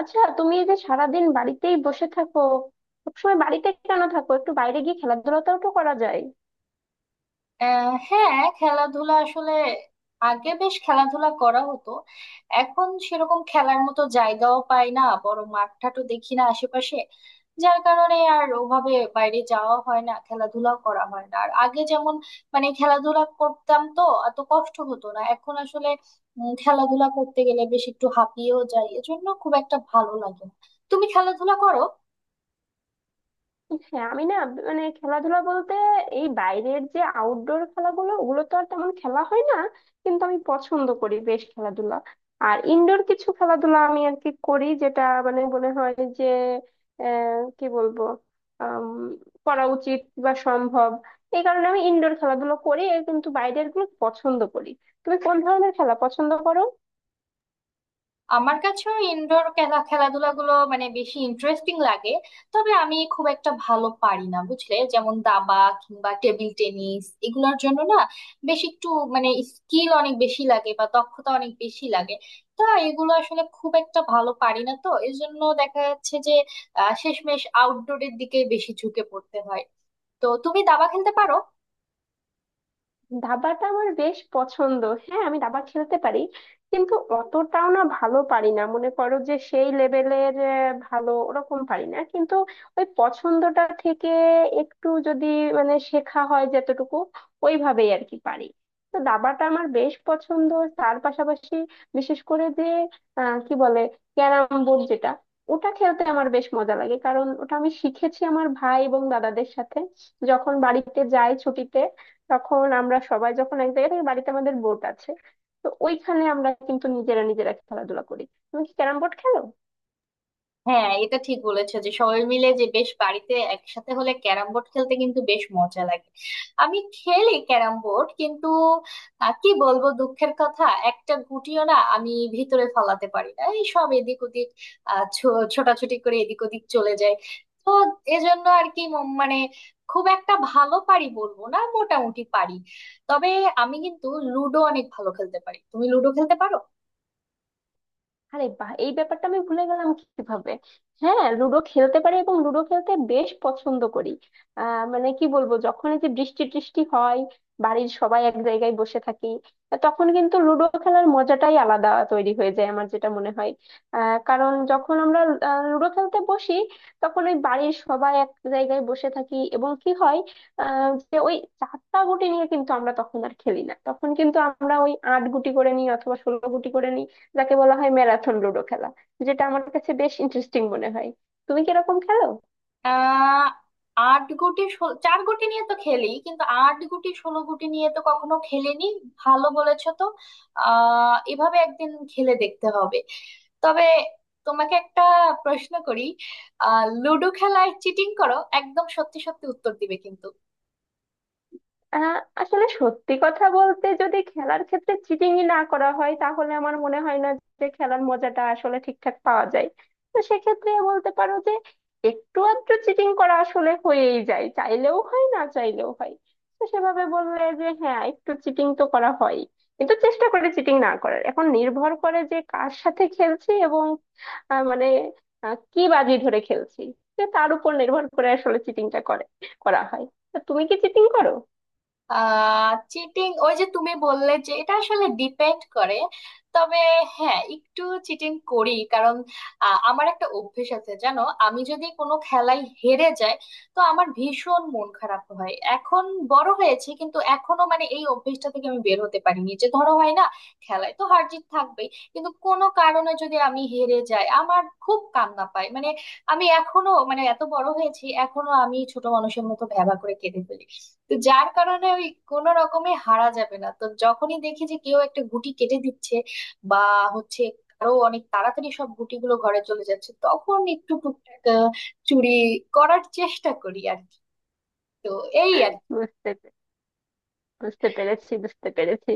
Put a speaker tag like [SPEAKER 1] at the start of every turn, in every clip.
[SPEAKER 1] আচ্ছা, তুমি এই যে সারাদিন বাড়িতেই বসে থাকো, সবসময় বাড়িতে কেন থাকো? একটু বাইরে গিয়ে খেলাধুলাটাও তো করা যায়।
[SPEAKER 2] হ্যাঁ, খেলাধুলা আসলে আগে বেশ খেলাধুলা করা হতো। এখন সেরকম খেলার মতো জায়গাও পাই না, বড় মাঠটাও দেখি না আশেপাশে। যার কারণে আর ওভাবে বাইরে যাওয়া হয় না, খেলাধুলাও করা হয় না। আর আগে যেমন মানে খেলাধুলা করতাম তো এত কষ্ট হতো না। এখন আসলে খেলাধুলা করতে গেলে বেশ একটু হাঁপিয়েও যাই, এজন্য খুব একটা ভালো লাগে না। তুমি খেলাধুলা করো?
[SPEAKER 1] হ্যাঁ, আমি না, মানে খেলাধুলা বলতে এই বাইরের যে আউটডোর খেলাগুলো, ওগুলো তো আর তেমন খেলা হয় না, কিন্তু আমি পছন্দ করি বেশ খেলাধুলা। আর ইনডোর কিছু খেলাধুলা আমি আর কি করি, যেটা মানে মনে হয় যে কি বলবো, আম, করা উচিত বা সম্ভব, এই কারণে আমি ইনডোর খেলাধুলো করি, এ কিন্তু বাইরের গুলো পছন্দ করি। তুমি কোন ধরনের খেলা পছন্দ করো?
[SPEAKER 2] আমার কাছেও ইনডোর খেলা খেলাধুলা গুলো মানে বেশি ইন্টারেস্টিং লাগে। তবে আমি খুব একটা ভালো পারি না বুঝলে, যেমন দাবা কিংবা টেবিল টেনিস এগুলোর জন্য না বেশ একটু মানে স্কিল অনেক বেশি লাগে বা দক্ষতা অনেক বেশি লাগে। তা এগুলো আসলে খুব একটা ভালো পারি না, তো এই জন্য দেখা যাচ্ছে যে শেষমেশ আউটডোরের দিকে বেশি ঝুঁকে পড়তে হয়। তো তুমি দাবা খেলতে পারো?
[SPEAKER 1] দাবাটা আমার বেশ পছন্দ। হ্যাঁ, আমি দাবা খেলতে পারি, কিন্তু অতটাও না, ভালো পারি না, মনে করো যে সেই লেভেলের ভালো ওরকম পারি না, কিন্তু ওই পছন্দটা থেকে একটু যদি মানে শেখা হয় যতটুকু, ওইভাবেই আর কি পারি। তো দাবাটা আমার বেশ পছন্দ। তার পাশাপাশি বিশেষ করে যে কি বলে, ক্যারাম বোর্ড, যেটা ওটা খেলতে আমার বেশ মজা লাগে, কারণ ওটা আমি শিখেছি আমার ভাই এবং দাদাদের সাথে। যখন বাড়িতে যাই ছুটিতে, তখন আমরা সবাই যখন এক জায়গায় থাকি, বাড়িতে আমাদের বোট আছে, তো ওইখানে আমরা কিন্তু নিজেরা নিজেরা খেলাধুলা করি। তুমি কি ক্যারাম বোর্ড খেলো?
[SPEAKER 2] হ্যাঁ, এটা ঠিক বলেছো যে সবাই মিলে যে বেশ বাড়িতে একসাথে হলে ক্যারাম বোর্ড খেলতে কিন্তু বেশ মজা লাগে। আমি খেলি ক্যারাম বোর্ড, কিন্তু কি বলবো দুঃখের কথা, একটা গুটিও না আমি ভিতরে ফলাতে পারি না, এই সব এদিক ওদিক ছোটাছুটি করে এদিক ওদিক চলে যায়। তো এজন্য আর কি মানে খুব একটা ভালো পারি বলবো না, মোটামুটি পারি। তবে আমি কিন্তু লুডো অনেক ভালো খেলতে পারি। তুমি লুডো খেলতে পারো?
[SPEAKER 1] আরে বাহ, এই ব্যাপারটা আমি ভুলে গেলাম কিভাবে! হ্যাঁ, লুডো খেলতে পারি এবং লুডো খেলতে বেশ পছন্দ করি। মানে কি বলবো, যখন এই যে বৃষ্টি টৃষ্টি হয়, বাড়ির সবাই এক জায়গায় বসে থাকি, তখন কিন্তু লুডো খেলার মজাটাই আলাদা তৈরি হয়ে যায়, আমার যেটা মনে হয়। কারণ যখন আমরা লুডো খেলতে বসি, তখন ওই বাড়ির সবাই এক জায়গায় বসে থাকি এবং কি হয়, যে ওই চারটা গুটি নিয়ে কিন্তু আমরা তখন আর খেলি না, তখন কিন্তু আমরা ওই আট গুটি করে নিই অথবা ষোলো গুটি করে নিই, যাকে বলা হয় ম্যারাথন লুডো খেলা, যেটা আমার কাছে বেশ ইন্টারেস্টিং মনে হয়। তুমি কিরকম খেলো?
[SPEAKER 2] আহ আট গুটি চার গুটি নিয়ে তো খেলি, কিন্তু আট গুটি ষোলো গুটি নিয়ে তো কখনো খেলিনি। ভালো বলেছো তো, এভাবে একদিন খেলে দেখতে হবে। তবে তোমাকে একটা প্রশ্ন করি, লুডো খেলায় চিটিং করো? একদম সত্যি সত্যি উত্তর দিবে কিন্তু।
[SPEAKER 1] আহ, আসলে সত্যি কথা বলতে, যদি খেলার ক্ষেত্রে চিটিংই না করা হয়, তাহলে আমার মনে হয় না যে খেলার মজাটা আসলে ঠিকঠাক পাওয়া যায়। তো সেক্ষেত্রে বলতে পারো যে একটু আধটু চিটিং করা আসলে হয়েই যায়, চাইলেও হয় না চাইলেও হয়। তো সেভাবে বললে যে হ্যাঁ, একটু চিটিং তো করা হয়, কিন্তু চেষ্টা করে চিটিং না করার। এখন নির্ভর করে যে কার সাথে খেলছি এবং মানে কি বাজি ধরে খেলছি, তো তার উপর নির্ভর করে আসলে চিটিংটা করে করা হয়। তো তুমি কি চিটিং করো?
[SPEAKER 2] চিটিং ওই যে তুমি বললে যে এটা আসলে ডিপেন্ড করে। তবে হ্যাঁ, একটু চিটিং করি, কারণ আমার একটা অভ্যেস আছে জানো, আমি যদি কোনো খেলায় হেরে যাই তো আমার ভীষণ মন খারাপ হয়। এখন বড় হয়েছে কিন্তু এখনো মানে এই অভ্যেসটা থেকে আমি বের হতে পারিনি। যে ধরো হয় না, খেলায় তো হার জিত থাকবেই, কিন্তু কোনো কারণে যদি আমি হেরে যাই আমার খুব কান্না পায় মানে। আমি এখনো মানে এত বড় হয়েছি এখনো আমি ছোট মানুষের মতো ভ্যাবা করে কেঁদে ফেলি। তো যার কারণে ওই কোনো রকমে হারা যাবে না, তো যখনই দেখি যে কেউ একটা গুটি কেটে দিচ্ছে বা হচ্ছে আরো অনেক তাড়াতাড়ি সব গুটিগুলো ঘরে চলে যাচ্ছে, তখন একটু টুকটাক চুরি করার চেষ্টা করি আর কি। তো এই আর কি।
[SPEAKER 1] বুঝতে পে- বুঝতে পেরেছি, বুঝতে পেরেছি.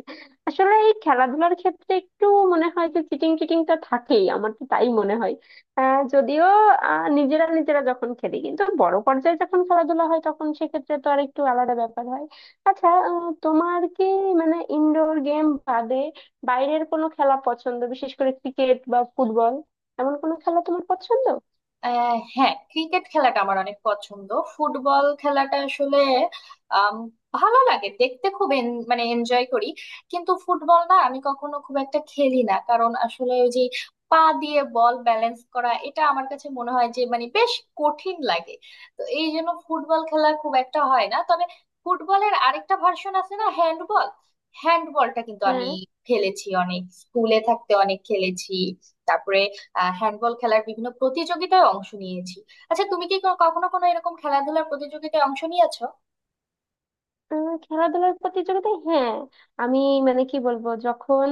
[SPEAKER 1] আসলে এই খেলাধুলার ক্ষেত্রে একটু মনে হয় যে চিটিংটা থাকেই, আমার তো তাই মনে হয়। যদিও নিজেরা নিজেরা যখন খেলি, কিন্তু বড় পর্যায়ে যখন খেলাধুলা হয়, তখন সেক্ষেত্রে তো আর একটু আলাদা ব্যাপার হয়। আচ্ছা, তোমার কি মানে ইনডোর গেম বাদে বাইরের কোনো খেলা পছন্দ? বিশেষ করে ক্রিকেট বা ফুটবল, এমন কোনো খেলা তোমার পছন্দ?
[SPEAKER 2] হ্যাঁ, ক্রিকেট খেলাটা আমার অনেক পছন্দ। ফুটবল খেলাটা আসলে আম, ভালো লাগে দেখতে, খুব মানে এনজয় করি, কিন্তু ফুটবল না আমি কখনো খুব একটা খেলি না, কারণ আসলে ওই যে পা দিয়ে বল ব্যালেন্স করা এটা আমার কাছে মনে হয় যে মানে বেশ কঠিন লাগে। তো এই জন্য ফুটবল খেলা খুব একটা হয় না। তবে ফুটবলের আরেকটা ভার্সন আছে না, হ্যান্ডবল। হ্যান্ডবলটা কিন্তু আমি
[SPEAKER 1] হ্যাঁ,
[SPEAKER 2] খেলেছি অনেক, স্কুলে থাকতে অনেক খেলেছি। তারপরে হ্যান্ডবল খেলার বিভিন্ন প্রতিযোগিতায় অংশ নিয়েছি। আচ্ছা, তুমি কি কখনো কোনো এরকম খেলাধুলার প্রতিযোগিতায় অংশ নিয়েছো?
[SPEAKER 1] খেলাধুলার প্রতিযোগিতা, হ্যাঁ, আমি মানে কি বলবো, যখন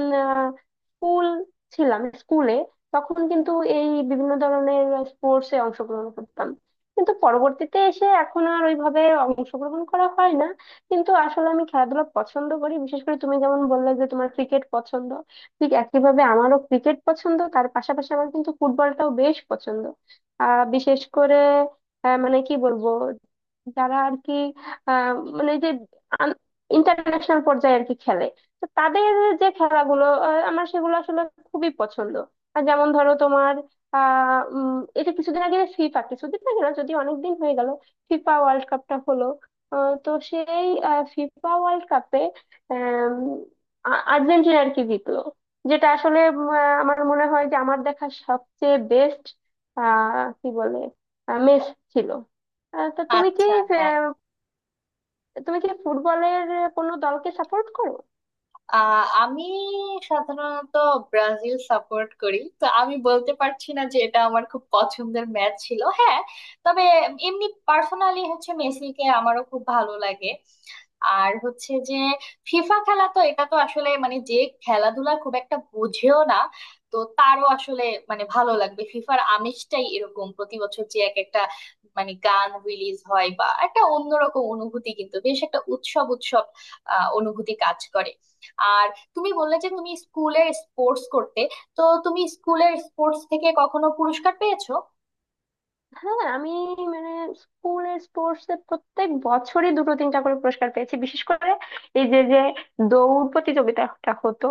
[SPEAKER 1] স্কুল ছিলাম, স্কুলে তখন কিন্তু এই বিভিন্ন ধরনের স্পোর্টস এ অংশগ্রহণ করতাম, কিন্তু পরবর্তীতে এসে এখন আর ওইভাবে অংশগ্রহণ করা হয় না। কিন্তু আসলে আমি খেলাধুলা পছন্দ করি, বিশেষ করে তুমি যেমন বললে যে তোমার ক্রিকেট পছন্দ, ঠিক একইভাবে আমারও ক্রিকেট পছন্দ, তার পাশাপাশি আমার কিন্তু ফুটবলটাও বেশ পছন্দ। বিশেষ করে মানে কি বলবো, যারা আর কি আহ মানে যে ইন্টারন্যাশনাল পর্যায়ে আর কি খেলে, তো তাদের যে খেলাগুলো, আমার সেগুলো আসলে খুবই পছন্দ। আর যেমন ধরো তোমার এটা কিছুদিন আগে ফিফা, কিছুদিন আগে না, যদি অনেকদিন হয়ে গেল, ফিফা ওয়ার্ল্ড কাপটা হলো, তো সেই ফিফা ওয়ার্ল্ড কাপে আর্জেন্টিনা আর কি জিতলো, যেটা আসলে আমার মনে হয় যে আমার দেখা সবচেয়ে বেস্ট কি বলে মেস ছিল। তা তুমি কি,
[SPEAKER 2] আচ্ছা, হ্যাঁ।
[SPEAKER 1] তুমি কি ফুটবলের কোনো দলকে সাপোর্ট করো?
[SPEAKER 2] আমি সাধারণত ব্রাজিল সাপোর্ট করি, তো আমি বলতে পারছি না যে এটা আমার খুব পছন্দের ম্যাচ ছিল। হ্যাঁ, তবে এমনি পার্সোনালি হচ্ছে মেসিকে আমারও খুব ভালো লাগে। আর হচ্ছে যে ফিফা খেলা তো এটা তো আসলে মানে যে খেলাধুলা খুব একটা বুঝেও না, তো তারও আসলে মানে ভালো লাগবে। ফিফার আমেজটাই এরকম, প্রতি বছর যে এক একটা মানে গান রিলিজ হয় বা একটা অন্যরকম অনুভূতি, কিন্তু বেশ একটা উৎসব উৎসব অনুভূতি কাজ করে। আর তুমি বললে যে তুমি স্কুলের স্পোর্টস করতে, তো তুমি স্কুলের স্পোর্টস থেকে কখনো পুরস্কার পেয়েছো?
[SPEAKER 1] হ্যাঁ, আমি মানে স্কুলের স্পোর্টস এ প্রত্যেক বছরই দুটো তিনটা করে পুরস্কার পেয়েছি, বিশেষ করে এই যে যে দৌড় প্রতিযোগিতাটা হতো,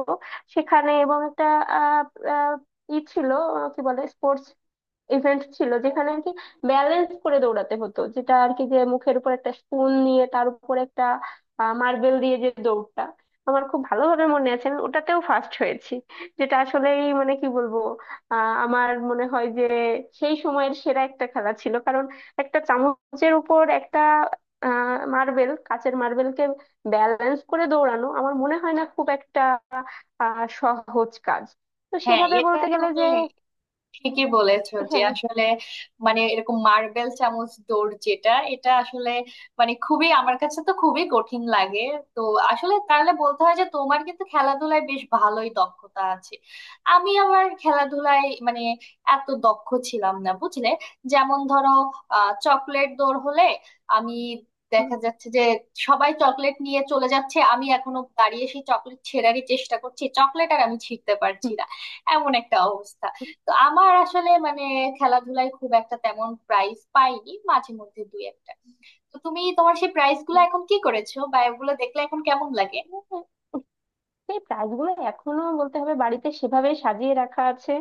[SPEAKER 1] সেখানে এবং একটা আহ আহ, ই ছিল, কি বলে স্পোর্টস ইভেন্ট ছিল, যেখানে আর কি ব্যালেন্স করে দৌড়াতে হতো, যেটা আর কি, যে মুখের উপর একটা স্পুন নিয়ে তার উপর একটা মার্বেল দিয়ে যে দৌড়টা, আমার খুব ভালোভাবে মনে আছে, আমি ওটাতেও ফার্স্ট হয়েছি। যেটা আসলেই মানে কি বলবো, আমার মনে হয় যে সেই সময়ের সেরা একটা খেলা ছিল, কারণ একটা চামচের উপর একটা মার্বেল, কাচের মার্বেলকে ব্যালেন্স করে দৌড়ানো আমার মনে হয় না খুব একটা সহজ কাজ। তো
[SPEAKER 2] হ্যাঁ,
[SPEAKER 1] সেভাবে
[SPEAKER 2] এটা
[SPEAKER 1] বলতে গেলে
[SPEAKER 2] তুমি
[SPEAKER 1] যে
[SPEAKER 2] ঠিকই বলেছো যে
[SPEAKER 1] হ্যাঁ,
[SPEAKER 2] আসলে মানে এরকম মার্বেল চামচ দৌড় যেটা, এটা আসলে মানে খুবই, আমার কাছে তো খুবই কঠিন লাগে। তো আসলে তাহলে বলতে হয় যে তোমার কিন্তু খেলাধুলায় বেশ ভালোই দক্ষতা আছে। আমি আমার খেলাধুলায় মানে এত দক্ষ ছিলাম না বুঝলে। যেমন ধরো চকলেট দৌড় হলে আমি, দেখা যাচ্ছে যে সবাই চকলেট নিয়ে চলে যাচ্ছে, আমি এখনো দাঁড়িয়ে সেই চকলেট ছেঁড়ারই চেষ্টা করছি, চকলেট আর আমি ছিঁড়তে পারছি না, এমন একটা অবস্থা। তো আমার আসলে মানে খেলাধুলায় খুব একটা তেমন প্রাইজ পাইনি, মাঝে মধ্যে দুই একটা। তো তুমি তোমার সেই প্রাইজ গুলো এখন কি করেছো, বা এগুলো দেখলে এখন কেমন লাগে?
[SPEAKER 1] হুম। এই প্রাইজ গুলো এখনো বলতে হবে বাড়িতে সেভাবে সাজিয়ে রাখা আছে।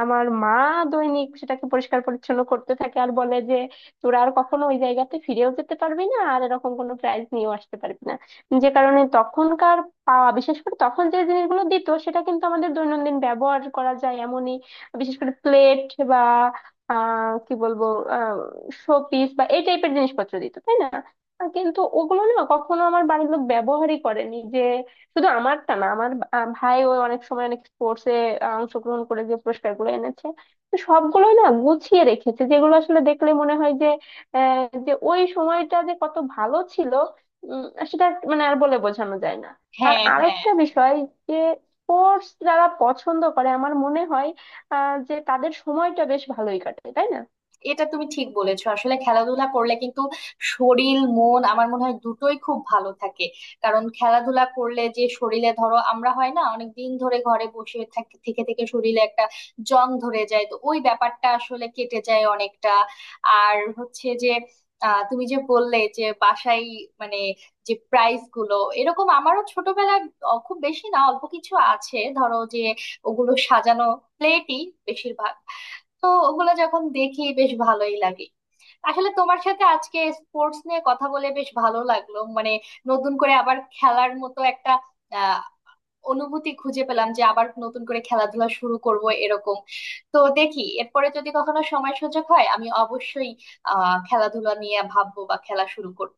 [SPEAKER 1] আমার মা দৈনিক সেটাকে পরিষ্কার পরিচ্ছন্ন করতে থাকে আর বলে যে তোরা আর কখনো ওই জায়গাতে ফিরেও যেতে পারবি না, আর এরকম কোনো প্রাইজ নিয়েও আসতে পারবি না। যে কারণে তখনকার পাওয়া, বিশেষ করে তখন যে জিনিসগুলো দিত, সেটা কিন্তু আমাদের দৈনন্দিন ব্যবহার করা যায় এমনই, বিশেষ করে প্লেট বা কি বলবো, আহ শোপিস বা এই টাইপের জিনিসপত্র দিত, তাই না? কিন্তু ওগুলো না কখনো আমার বাড়ির লোক ব্যবহারই করেনি। যে শুধু আমারটা না, আমার ভাইও অনেক সময় অনেক স্পোর্টসে অংশগ্রহণ করে যে পুরস্কার গুলো এনেছে, তো সবগুলোই না গুছিয়ে রেখেছে, যেগুলো আসলে দেখলে মনে হয় যে আহ, যে ওই সময়টা যে কত ভালো ছিল, উম, সেটা মানে আর বলে বোঝানো যায় না। আর
[SPEAKER 2] হ্যাঁ, হ্যাঁ,
[SPEAKER 1] আরেকটা বিষয় যে স্পোর্টস যারা পছন্দ করে, আমার মনে হয় যে তাদের সময়টা বেশ ভালোই কাটে, তাই না?
[SPEAKER 2] এটা তুমি ঠিক বলেছো। আসলে খেলাধুলা করলে কিন্তু শরীর মন আমার মনে হয় দুটোই খুব ভালো থাকে। কারণ খেলাধুলা করলে যে শরীরে, ধরো আমরা হয় না অনেক দিন ধরে ঘরে বসে থেকে থেকে শরীরে একটা জং ধরে যায়, তো ওই ব্যাপারটা আসলে কেটে যায় অনেকটা। আর হচ্ছে যে তুমি যে বললে যে বাসায় মানে যে প্রাইস গুলো, এরকম আমারও ছোটবেলায় খুব বেশি না, অল্প কিছু আছে। ধরো যে ওগুলো সাজানো, প্লেটই বেশিরভাগ। তো ওগুলো যখন দেখি বেশ ভালোই লাগে। আসলে তোমার সাথে আজকে স্পোর্টস নিয়ে কথা বলে বেশ ভালো লাগলো মানে। নতুন করে আবার খেলার মতো একটা আহ অনুভূতি খুঁজে পেলাম, যে আবার নতুন করে খেলাধুলা শুরু করব এরকম। তো দেখি এরপরে যদি কখনো সময় সুযোগ হয় আমি অবশ্যই খেলাধুলা নিয়ে ভাববো বা খেলা শুরু করব।